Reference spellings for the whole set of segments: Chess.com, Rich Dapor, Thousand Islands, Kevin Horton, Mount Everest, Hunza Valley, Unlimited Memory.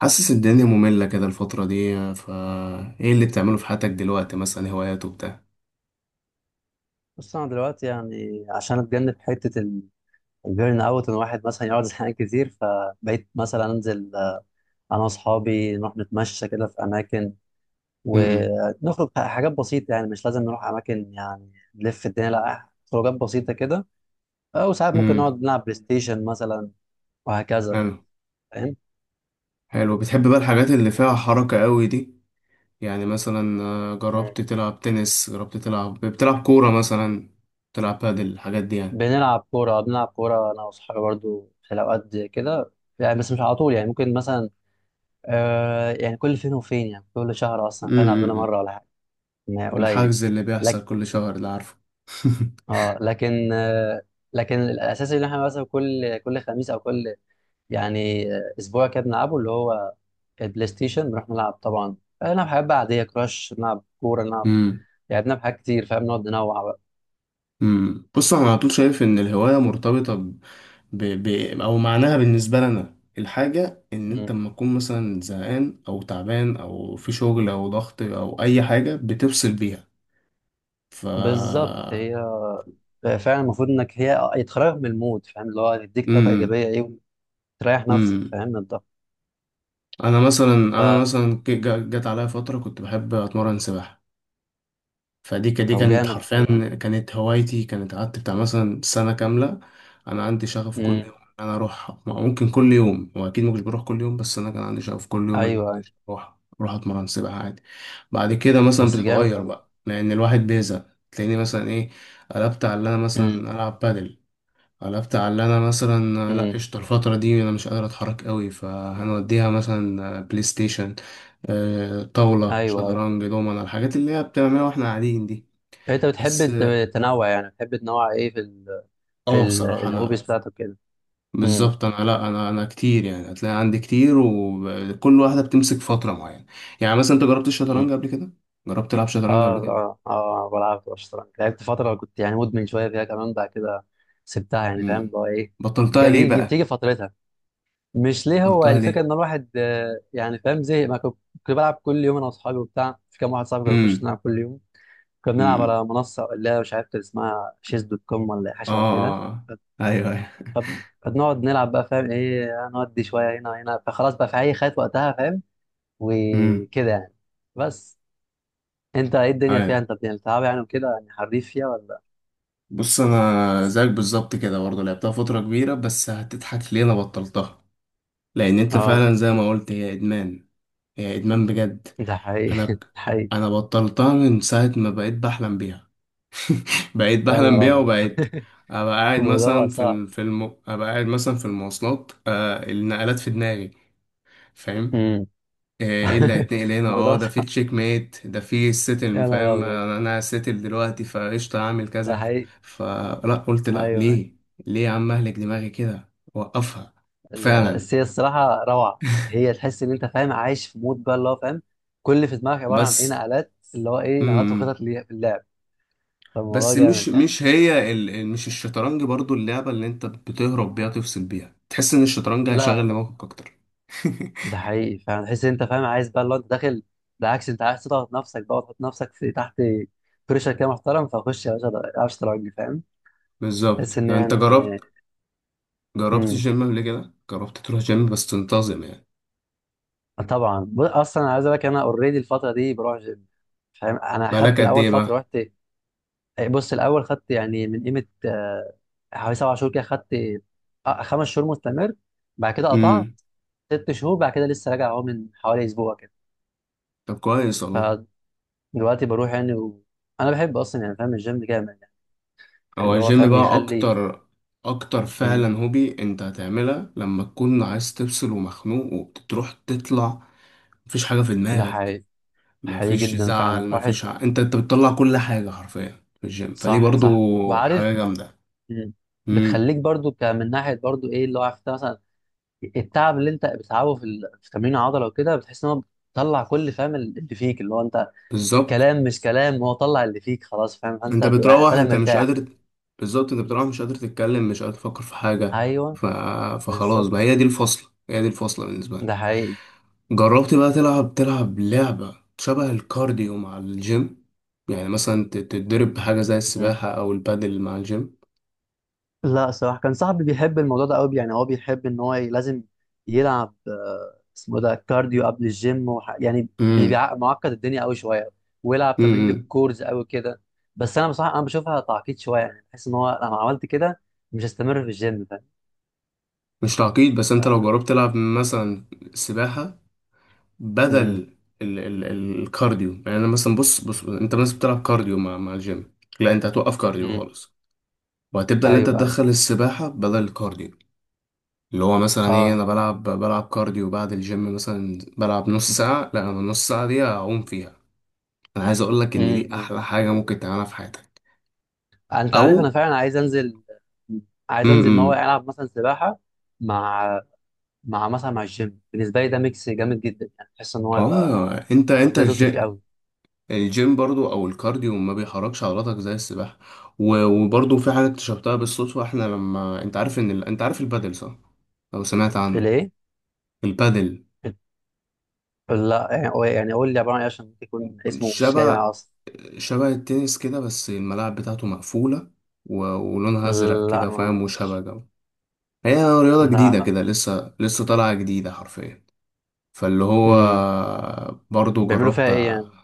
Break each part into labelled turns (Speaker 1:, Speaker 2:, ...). Speaker 1: حاسس الدنيا مملة كده الفترة دي. ايه اللي بتعمله في حياتك دلوقتي، مثلا هوايات وبتاع؟
Speaker 2: بص، انا دلوقتي يعني عشان اتجنب حته البيرن اوت، ان واحد مثلا يقعد زهقان كتير، فبقيت مثلا انزل انا واصحابي نروح نتمشى كده في اماكن،
Speaker 1: امم.
Speaker 2: ونخرج حاجات بسيطه. يعني مش لازم نروح اماكن يعني نلف الدنيا، لا خروجات بسيطه كده. او ساعات ممكن
Speaker 1: امم.
Speaker 2: نقعد نلعب بلاي ستيشن مثلا وهكذا.
Speaker 1: حلو.
Speaker 2: فاهم.
Speaker 1: حلو، بتحب بقى الحاجات اللي فيها حركة قوي دي؟ يعني مثلا،
Speaker 2: مم.
Speaker 1: جربت تلعب تنس؟ جربت تلعب بتلعب كورة مثلا؟ تلعب بادل، الحاجات دي يعني.
Speaker 2: بنلعب كوره، انا واصحابي برضو في الاوقات دي كده يعني. بس مش على طول يعني، ممكن مثلا يعني كل فين وفين، يعني كل شهر اصلا فعلا قبلنا
Speaker 1: امم.
Speaker 2: مره ولا حاجه. ما قليل
Speaker 1: الحجز اللي بيحصل
Speaker 2: لك.
Speaker 1: كل شهر ده، عارفه.
Speaker 2: اه، لكن لكن الاساس اللي احنا مثلا كل خميس، او كل يعني اسبوع كده، بنلعبه اللي هو البلاي ستيشن. بنروح نلعب طبعا، نلعب حاجات بقى عاديه، كراش، نلعب كوره، نلعب
Speaker 1: امم.
Speaker 2: لعبنا بحاجات كتير. فاهم. نقعد ننوع بقى.
Speaker 1: امم. بص، انا على طول شايف ان الهوايه مرتبطه ب... ب... او معناها بالنسبه لنا الحاجه، ان انت
Speaker 2: مم.
Speaker 1: لما تكون مثلا زهقان او تعبان او في شغل او ضغط او اي حاجه بتفصل بيها. ف
Speaker 2: بالظبط، هي فعلا المفروض انك هي يتخرج من المود. فاهم اللي هو تديك طاقه
Speaker 1: امم.
Speaker 2: ايجابيه ايه، وتريح نفسك،
Speaker 1: امم.
Speaker 2: فاهم، من الضغط.
Speaker 1: انا مثلا جت عليا فتره كنت بحب اتمرن سباحه. دي
Speaker 2: طب
Speaker 1: كانت
Speaker 2: جامد ده،
Speaker 1: حرفيا،
Speaker 2: حلو قوي.
Speaker 1: كانت هوايتي، كانت قعدت بتاع مثلا سنة كاملة. أنا عندي شغف كل
Speaker 2: امم.
Speaker 1: يوم إن أنا أروح، ممكن كل يوم، وأكيد ما كنتش بروح كل يوم، بس أنا كان عندي شغف كل يوم إن
Speaker 2: ايوه،
Speaker 1: أنا
Speaker 2: أيوة.
Speaker 1: أروح أتمرن سباحة عادي. بعد كده مثلا
Speaker 2: بس جامد
Speaker 1: بتتغير
Speaker 2: قوي.
Speaker 1: بقى لأن الواحد بيزهق. تلاقيني مثلا إيه، قلبت على إن أنا
Speaker 2: امم،
Speaker 1: مثلا ألعب بادل، قلبت على إن أنا مثلا لأ،
Speaker 2: امم.
Speaker 1: قشطة، الفترة دي أنا مش قادر أتحرك قوي، فهنوديها مثلا بلاي ستيشن، طاولة،
Speaker 2: ايوه، ايوه.
Speaker 1: شطرنج، دومنة، الحاجات اللي هي بتعملها واحنا قاعدين دي.
Speaker 2: انت بتحب
Speaker 1: بس.
Speaker 2: تنوع يعني، بتحب تنوع ايه في ال في
Speaker 1: اه،
Speaker 2: ال
Speaker 1: بصراحة
Speaker 2: الهوبيز
Speaker 1: انا،
Speaker 2: بتاعتك كده؟ امم،
Speaker 1: بالظبط انا، لا، انا كتير يعني، هتلاقي عندي كتير وكل واحدة بتمسك فترة معينة. يعني مثلا انت جربت الشطرنج
Speaker 2: امم.
Speaker 1: قبل كده؟ جربت تلعب شطرنج
Speaker 2: اه،
Speaker 1: قبل كده؟
Speaker 2: اه، اه، بلعب في الشطرنج. لعبت فترة كنت يعني مدمن شوية فيها كمان، بعد كده سبتها يعني. فاهم اللي
Speaker 1: امم.
Speaker 2: هو ايه.
Speaker 1: بطلتها ليه بقى؟
Speaker 2: بتيجي فترتها. مش ليه، هو
Speaker 1: بطلتها
Speaker 2: الفكرة
Speaker 1: ليه؟
Speaker 2: ان الواحد يعني فاهم زهق. ما كنت بلعب كل يوم انا واصحابي وبتاع. في كام واحد صاحبي كان بيخش
Speaker 1: امم.
Speaker 2: نلعب كل يوم. كنا بنلعب
Speaker 1: امم.
Speaker 2: على منصة اللي هي مش عارف كان اسمها شيز دوت كوم ولا حاجة
Speaker 1: اه.
Speaker 2: شبه كده.
Speaker 1: آه. آه. ايوه. ايوه.
Speaker 2: فبنقعد نلعب بقى. فاهم ايه. نودي شويه هنا هنا. فخلاص بقى في اي خيط وقتها. فاهم
Speaker 1: امم.
Speaker 2: وكده يعني. بس انت ايه الدنيا فيها؟
Speaker 1: ايوه.
Speaker 2: انت بتلعب يعني وكده يعني حريف فيها ولا؟
Speaker 1: بص، انا زيك بالظبط كده برضه، لعبتها فترة كبيرة، بس هتضحك ليه انا بطلتها. لان انت
Speaker 2: اه.
Speaker 1: فعلا زي ما قلت، هي ادمان، هي ادمان بجد.
Speaker 2: ده
Speaker 1: انا
Speaker 2: حقيقي. ده
Speaker 1: ك-
Speaker 2: حقيقي.
Speaker 1: انا بطلتها من ساعه ما بقيت بحلم بيها. بقيت
Speaker 2: يا
Speaker 1: بحلم
Speaker 2: نهار
Speaker 1: بيها،
Speaker 2: ابيض.
Speaker 1: وبقيت
Speaker 2: الموضوع بقى صعب.
Speaker 1: ابقى قاعد مثلا في المواصلات. النقلات في دماغي. فاهم؟
Speaker 2: امم.
Speaker 1: ايه اللي هيتنقل هنا؟ اه،
Speaker 2: الموضوع
Speaker 1: ده في
Speaker 2: صعب.
Speaker 1: تشيك ميت، ده في السيتل،
Speaker 2: يا نهار
Speaker 1: فاهم،
Speaker 2: ابيض.
Speaker 1: انا هسيتل دلوقتي فقشطه هعمل
Speaker 2: ده
Speaker 1: كذا.
Speaker 2: حقيقي.
Speaker 1: فلا، قلت لا.
Speaker 2: ايوه.
Speaker 1: ليه؟ ليه يا عم اهلك دماغي كده، وقفها. فعلا.
Speaker 2: بس هي الصراحه روعه. هي تحس ان انت فاهم عايش في مود بقى، اللي هو فاهم كل اللي في دماغك عباره عن ايه،
Speaker 1: بس.
Speaker 2: نقلات، اللي هو ايه، نقلات
Speaker 1: مم.
Speaker 2: وخطط ليه في اللعب. فالموضوع
Speaker 1: بس
Speaker 2: جامد
Speaker 1: مش
Speaker 2: يعني.
Speaker 1: مش هي مش الشطرنج برضو اللعبة اللي انت بتهرب بيها، تفصل بيها، تحس ان الشطرنج هيشغل
Speaker 2: لا،
Speaker 1: دماغك اكتر؟
Speaker 2: ده حقيقي. فاهم تحس إن انت فاهم عايز بقى، اللي هو انت داخل. بالعكس، انت عايز تضغط نفسك بقى وتحط نفسك في تحت بريشر كده محترم. فخش يا باشا، العب شطرنج. فاهم تحس
Speaker 1: بالظبط.
Speaker 2: ان
Speaker 1: لو انت جربت
Speaker 2: يعني.
Speaker 1: جربت
Speaker 2: امم.
Speaker 1: الجيم قبل كده، جربت تروح جيم بس تنتظم يعني؟
Speaker 2: طبعا، اصلا عايز اقول لك انا اوريدي الفتره دي بروح جيم. فاهم انا
Speaker 1: بقالك
Speaker 2: خدت
Speaker 1: قد
Speaker 2: الاول
Speaker 1: ايه
Speaker 2: فتره
Speaker 1: بقى؟
Speaker 2: رحت. بص، الاول خدت يعني من قيمه حوالي 7 شهور كده خدت. 5 شهور مستمر، بعد كده قطعت
Speaker 1: امم.
Speaker 2: 6 شهور، بعد كده لسه راجع اهو من حوالي اسبوع كده.
Speaker 1: طب كويس والله.
Speaker 2: فدلوقتي بروح يعني انا بحب اصلا يعني. فاهم الجيم جامد،
Speaker 1: هو
Speaker 2: اللي هو
Speaker 1: الجيم
Speaker 2: فاهم
Speaker 1: بقى
Speaker 2: بيخلي.
Speaker 1: اكتر، اكتر
Speaker 2: مم.
Speaker 1: فعلا هوبي انت هتعملها لما تكون عايز تفصل ومخنوق وبتروح تطلع مفيش حاجة في
Speaker 2: ده
Speaker 1: دماغك.
Speaker 2: حقيقي. حقيقي
Speaker 1: مفيش
Speaker 2: جدا فعلا
Speaker 1: زعل،
Speaker 2: واحد.
Speaker 1: مفيش انت بتطلع كل حاجة حرفيا في الجيم، فدي
Speaker 2: صح، صح
Speaker 1: برضو
Speaker 2: وعارف.
Speaker 1: حاجة جامدة.
Speaker 2: مم.
Speaker 1: امم.
Speaker 2: بتخليك برضو من ناحيه برضو ايه اللي هو عارف انت مثلا التعب اللي انت بتتعبه في في تمرين العضله وكده، بتحس ان هو بتطلع كل، فاهم، اللي فيك اللي هو انت.
Speaker 1: بالظبط،
Speaker 2: كلام مش كلام هو طلع اللي فيك خلاص. فاهم انت
Speaker 1: انت
Speaker 2: هتبقى
Speaker 1: بتروح
Speaker 2: طالع
Speaker 1: انت مش
Speaker 2: مرتاح.
Speaker 1: قادر. بالظبط، انت بتروح مش قادر تتكلم، مش قادر تفكر في حاجة.
Speaker 2: ايوه.
Speaker 1: ف... فخلاص بقى،
Speaker 2: بالظبط.
Speaker 1: هي دي الفصلة، هي دي الفصلة بالنسبة لي.
Speaker 2: ده حقيقي.
Speaker 1: جربت بقى تلعب لعبة شبه الكارديو مع الجيم؟ يعني مثلا تتدرب بحاجة زي السباحة أو البادل مع الجيم؟
Speaker 2: لا، الصراحة كان صاحبي بيحب الموضوع ده قوي. يعني هو بيحب ان هو لازم يلعب اسمه ده كارديو قبل الجيم يعني
Speaker 1: امم.
Speaker 2: معقد الدنيا قوي شوية، ويلعب
Speaker 1: امم.
Speaker 2: تمرين
Speaker 1: امم.
Speaker 2: للكورز قوي كده. بس انا بصراحة انا بشوفها تعقيد شوية. يعني بحس ان هو لما عملت كده مش هستمر في الجيم. فاهم.
Speaker 1: مش تعقيد، بس انت لو جربت تلعب مثلا سباحة بدل
Speaker 2: امم،
Speaker 1: الكارديو. يعني انا مثلا، بص بص، انت مثلا بتلعب كارديو مع الجيم. لا، انت هتوقف كارديو
Speaker 2: امم.
Speaker 1: خالص، وهتبدا ان انت
Speaker 2: ايوه، أيوة.
Speaker 1: تدخل السباحه بدل الكارديو. اللي هو مثلا ايه،
Speaker 2: اه.
Speaker 1: انا بلعب كارديو بعد الجيم، مثلا بلعب نص ساعه، لا، انا النص ساعه دي هعوم فيها. انا عايز اقول لك ان
Speaker 2: امم،
Speaker 1: دي
Speaker 2: أمم.
Speaker 1: احلى حاجه ممكن تعملها في حياتك.
Speaker 2: انت
Speaker 1: او.
Speaker 2: عارف انا فعلا عايز انزل، ان هو
Speaker 1: امم.
Speaker 2: العب مثلا سباحة مع مع الجيم. بالنسبة لي ده ميكس جامد جدا. يعني بحس ان هو يبقى
Speaker 1: اه، انت
Speaker 2: هتقضيها تظبط فيه
Speaker 1: الجيم،
Speaker 2: قوي.
Speaker 1: الجيم برضو او الكارديو ما بيحركش عضلاتك زي السباحه. وبرضو في حاجه اكتشفتها بالصدفه، احنا لما، انت عارف ان انت عارف البادل، صح؟ لو سمعت عنه.
Speaker 2: الايه؟
Speaker 1: البادل
Speaker 2: لا يعني، قول يعني، لي عباره عن ايه؟ عشان ممكن يكون اسمه مش جاي
Speaker 1: شبه
Speaker 2: معايا اصلا.
Speaker 1: شبه التنس كده، بس الملاعب بتاعته مقفوله ولونها ازرق
Speaker 2: لا،
Speaker 1: كده،
Speaker 2: ما
Speaker 1: فاهم، وشبه
Speaker 2: اظنش.
Speaker 1: جو. هي رياضه
Speaker 2: لا،
Speaker 1: جديده
Speaker 2: لا.
Speaker 1: كده، لسه لسه طالعه جديده حرفيا. فاللي هو.
Speaker 2: امم.
Speaker 1: برضو
Speaker 2: بيعملوا فيها
Speaker 1: جربت.
Speaker 2: ايه يعني؟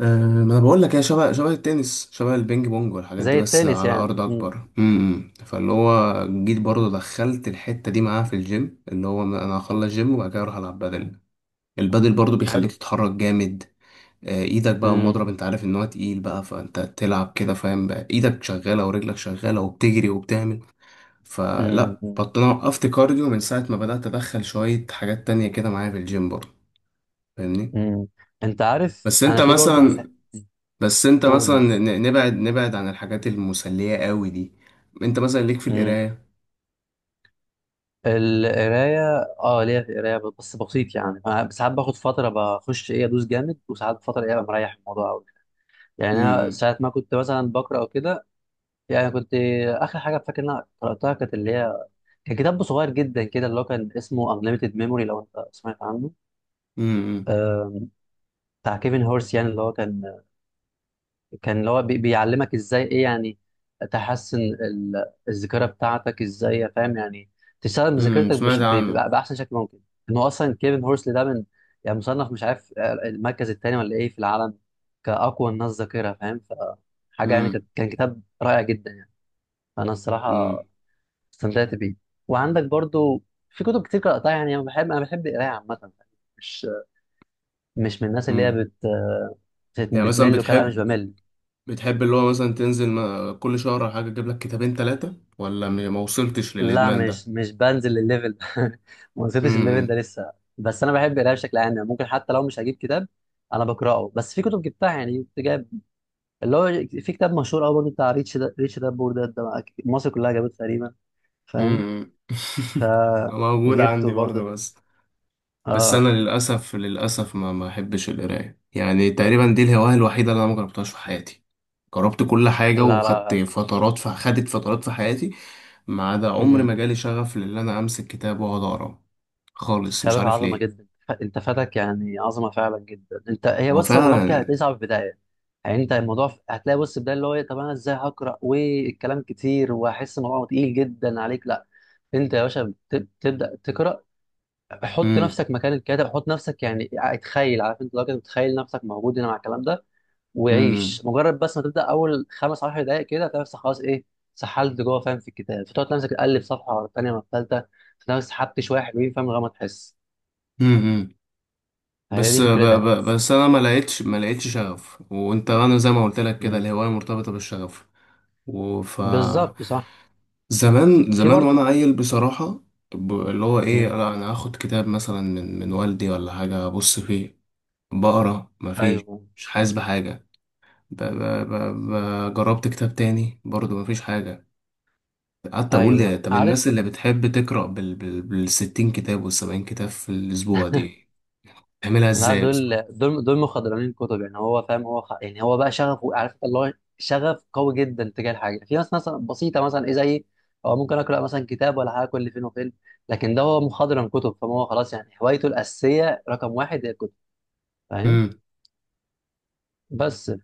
Speaker 1: أه، ما انا بقول لك، هي شبه التنس، شبه البينج بونج والحاجات دي،
Speaker 2: زي
Speaker 1: بس
Speaker 2: التنس
Speaker 1: على
Speaker 2: يعني؟
Speaker 1: ارض
Speaker 2: امم.
Speaker 1: اكبر. امم. فاللي هو جيت برضه دخلت الحته دي معاه في الجيم، اللي هو انا هخلص جيم وبعد كده اروح العب بدل. البدل برضه بيخليك
Speaker 2: حلو.
Speaker 1: تتحرك جامد. ايدك بقى
Speaker 2: امم،
Speaker 1: المضرب، انت عارف ان هو تقيل بقى، فانت تلعب كده فاهم، بقى ايدك شغاله ورجلك شغاله وبتجري وبتعمل. فلا
Speaker 2: امم،
Speaker 1: انا وقفت كارديو من ساعه ما بدات ادخل شويه حاجات تانية كده معايا في الجيم برضه. فاهمني؟
Speaker 2: امم. انت عارف
Speaker 1: بس انت
Speaker 2: انا في برضو.
Speaker 1: مثلا بس انت مثلا
Speaker 2: قول.
Speaker 1: نبعد، نبعد عن الحاجات المسلية قوي دي. انت مثلا ليك في
Speaker 2: امم.
Speaker 1: القراية؟
Speaker 2: القرايه. اه، ليا في القرايه بس بسيط. يعني انا ساعات باخد فتره بخش ايه ادوس جامد، وساعات فتره ايه ابقى مريح الموضوع قوي. يعني انا
Speaker 1: امم.
Speaker 2: ساعات ما كنت مثلا بقرا او كده. يعني كنت، اخر حاجه فاكر ان انا قراتها كانت اللي هي كان كتاب صغير جدا كده اللي هو كان اسمه Unlimited Memory. لو انت سمعت عنه.
Speaker 1: امم.
Speaker 2: آه، بتاع كيفن هورس. يعني اللي هو كان، كان اللي هو بيعلمك ازاي ايه، يعني تحسن الذاكره بتاعتك ازاي. فاهم يعني تستخدم
Speaker 1: امم.
Speaker 2: ذاكرتك
Speaker 1: سمعت عنه.
Speaker 2: باحسن شكل ممكن. انه اصلا كيفن هورس ده من يعني مصنف، مش عارف، المركز الثاني ولا ايه في العالم كاقوى الناس ذاكره. فاهم فحاجه يعني
Speaker 1: امم.
Speaker 2: كان كتاب رائع جدا يعني. فانا الصراحه
Speaker 1: امم.
Speaker 2: استمتعت بيه. وعندك برضو في كتب كتير قرأتها. يعني أنا بحب، أنا بحب القراية عامة. مش مش من الناس اللي هي
Speaker 1: امم. يعني مثلا
Speaker 2: بتمل وكده. لا، مش
Speaker 1: بتحب
Speaker 2: بمل.
Speaker 1: بتحب اللي هو مثلا تنزل كل شهر او حاجة تجيب لك كتابين ثلاثة، ولا ما وصلتش
Speaker 2: لا،
Speaker 1: للإدمان ده؟
Speaker 2: مش مش بنزل الليفل ده. ما وصلتش الليفل ده
Speaker 1: امم.
Speaker 2: لسه. بس أنا بحب القراية بشكل عام. يعني ممكن حتى لو مش هجيب كتاب أنا بقرأه. بس في كتب جبتها يعني، كنت جايب اللي هو في كتاب مشهور أوي برضه بتاع ريتش دابور. ده بقى مصر كلها جابته تقريبا. فاهم.
Speaker 1: امم. موجود عندي
Speaker 2: فجبته
Speaker 1: برضه.
Speaker 2: برضه.
Speaker 1: بس. بس
Speaker 2: اه.
Speaker 1: انا للاسف، للاسف ما احبش القرايه. يعني تقريبا دي الهوايه الوحيده اللي انا ما جربتهاش في حياتي، جربت كل حاجه
Speaker 2: لا،
Speaker 1: وخدت
Speaker 2: لا.
Speaker 1: فترات، في خدت فترات في حياتي ما عدا عمري
Speaker 2: مم.
Speaker 1: ما جالي شغف لان انا امسك كتاب واقعد اقرا خالص. مش
Speaker 2: خابر
Speaker 1: عارف
Speaker 2: عظمه
Speaker 1: ليه.
Speaker 2: جدا. انت فاتك يعني عظمه فعلا جدا. انت هي،
Speaker 1: هو
Speaker 2: بص، هو الموضوع كده
Speaker 1: فعلا.
Speaker 2: هتلاقيه صعب في البدايه. يعني انت الموضوع هتلاقي بص البدايه اللي هو إيه، طب انا ازاي هقرا والكلام كتير وهحس الموضوع تقيل جدا عليك. لا، انت يا باشا تبدا تقرا. حط
Speaker 1: امم.
Speaker 2: نفسك مكان الكاتب، حط نفسك يعني اتخيل، عارف، انت لو كده تتخيل نفسك موجود هنا مع الكلام ده، وعيش.
Speaker 1: امم.
Speaker 2: مجرد بس ما تبدا اول 15 دقائق كده، هتلاقي نفسك خلاص ايه سحلت جوه. فاهم في الكتاب فتقعد نفسك تقلب صفحه ورا الثانيه ورا الثالثه، تلاقي نفسك سحبت شويه حلوين. فاهم لغايه ما تحس.
Speaker 1: امم.
Speaker 2: هي دي فكرتها يعني.
Speaker 1: بس انا ما لقيتش شغف، وانت، انا زي ما قلت لك كده،
Speaker 2: مم.
Speaker 1: الهوايه مرتبطه بالشغف. وف
Speaker 2: بالظبط، صح.
Speaker 1: زمان
Speaker 2: في
Speaker 1: زمان وانا
Speaker 2: برضو.
Speaker 1: عيل بصراحة. اللي هو ايه،
Speaker 2: مم.
Speaker 1: انا هاخد كتاب مثلا من والدي ولا حاجة، ابص فيه، بقرا مفيش،
Speaker 2: ايوه،
Speaker 1: مش حاسس بحاجة. ب ب ب ب جربت كتاب تاني برضه، مفيش حاجة. قعدت
Speaker 2: ايوه،
Speaker 1: اقول طب
Speaker 2: عارف.
Speaker 1: الناس اللي بتحب تقرا بالـ60 كتاب والـ70 كتاب في الاسبوع دي تعملها
Speaker 2: لا،
Speaker 1: ازاي؟
Speaker 2: دول مخضرمين كتب. يعني هو فاهم هو يعني هو بقى شغفه، عارف اللي هو شغف قوي جدا تجاه الحاجه. في ناس مثلا بسيطه مثلا ايه زي، هو ممكن اقرا مثلا كتاب ولا حاجه كل فين وفين. لكن ده هو مخضرم كتب. فما هو خلاص، يعني هوايته الاساسيه رقم واحد هي الكتب. فاهم
Speaker 1: بس.
Speaker 2: بس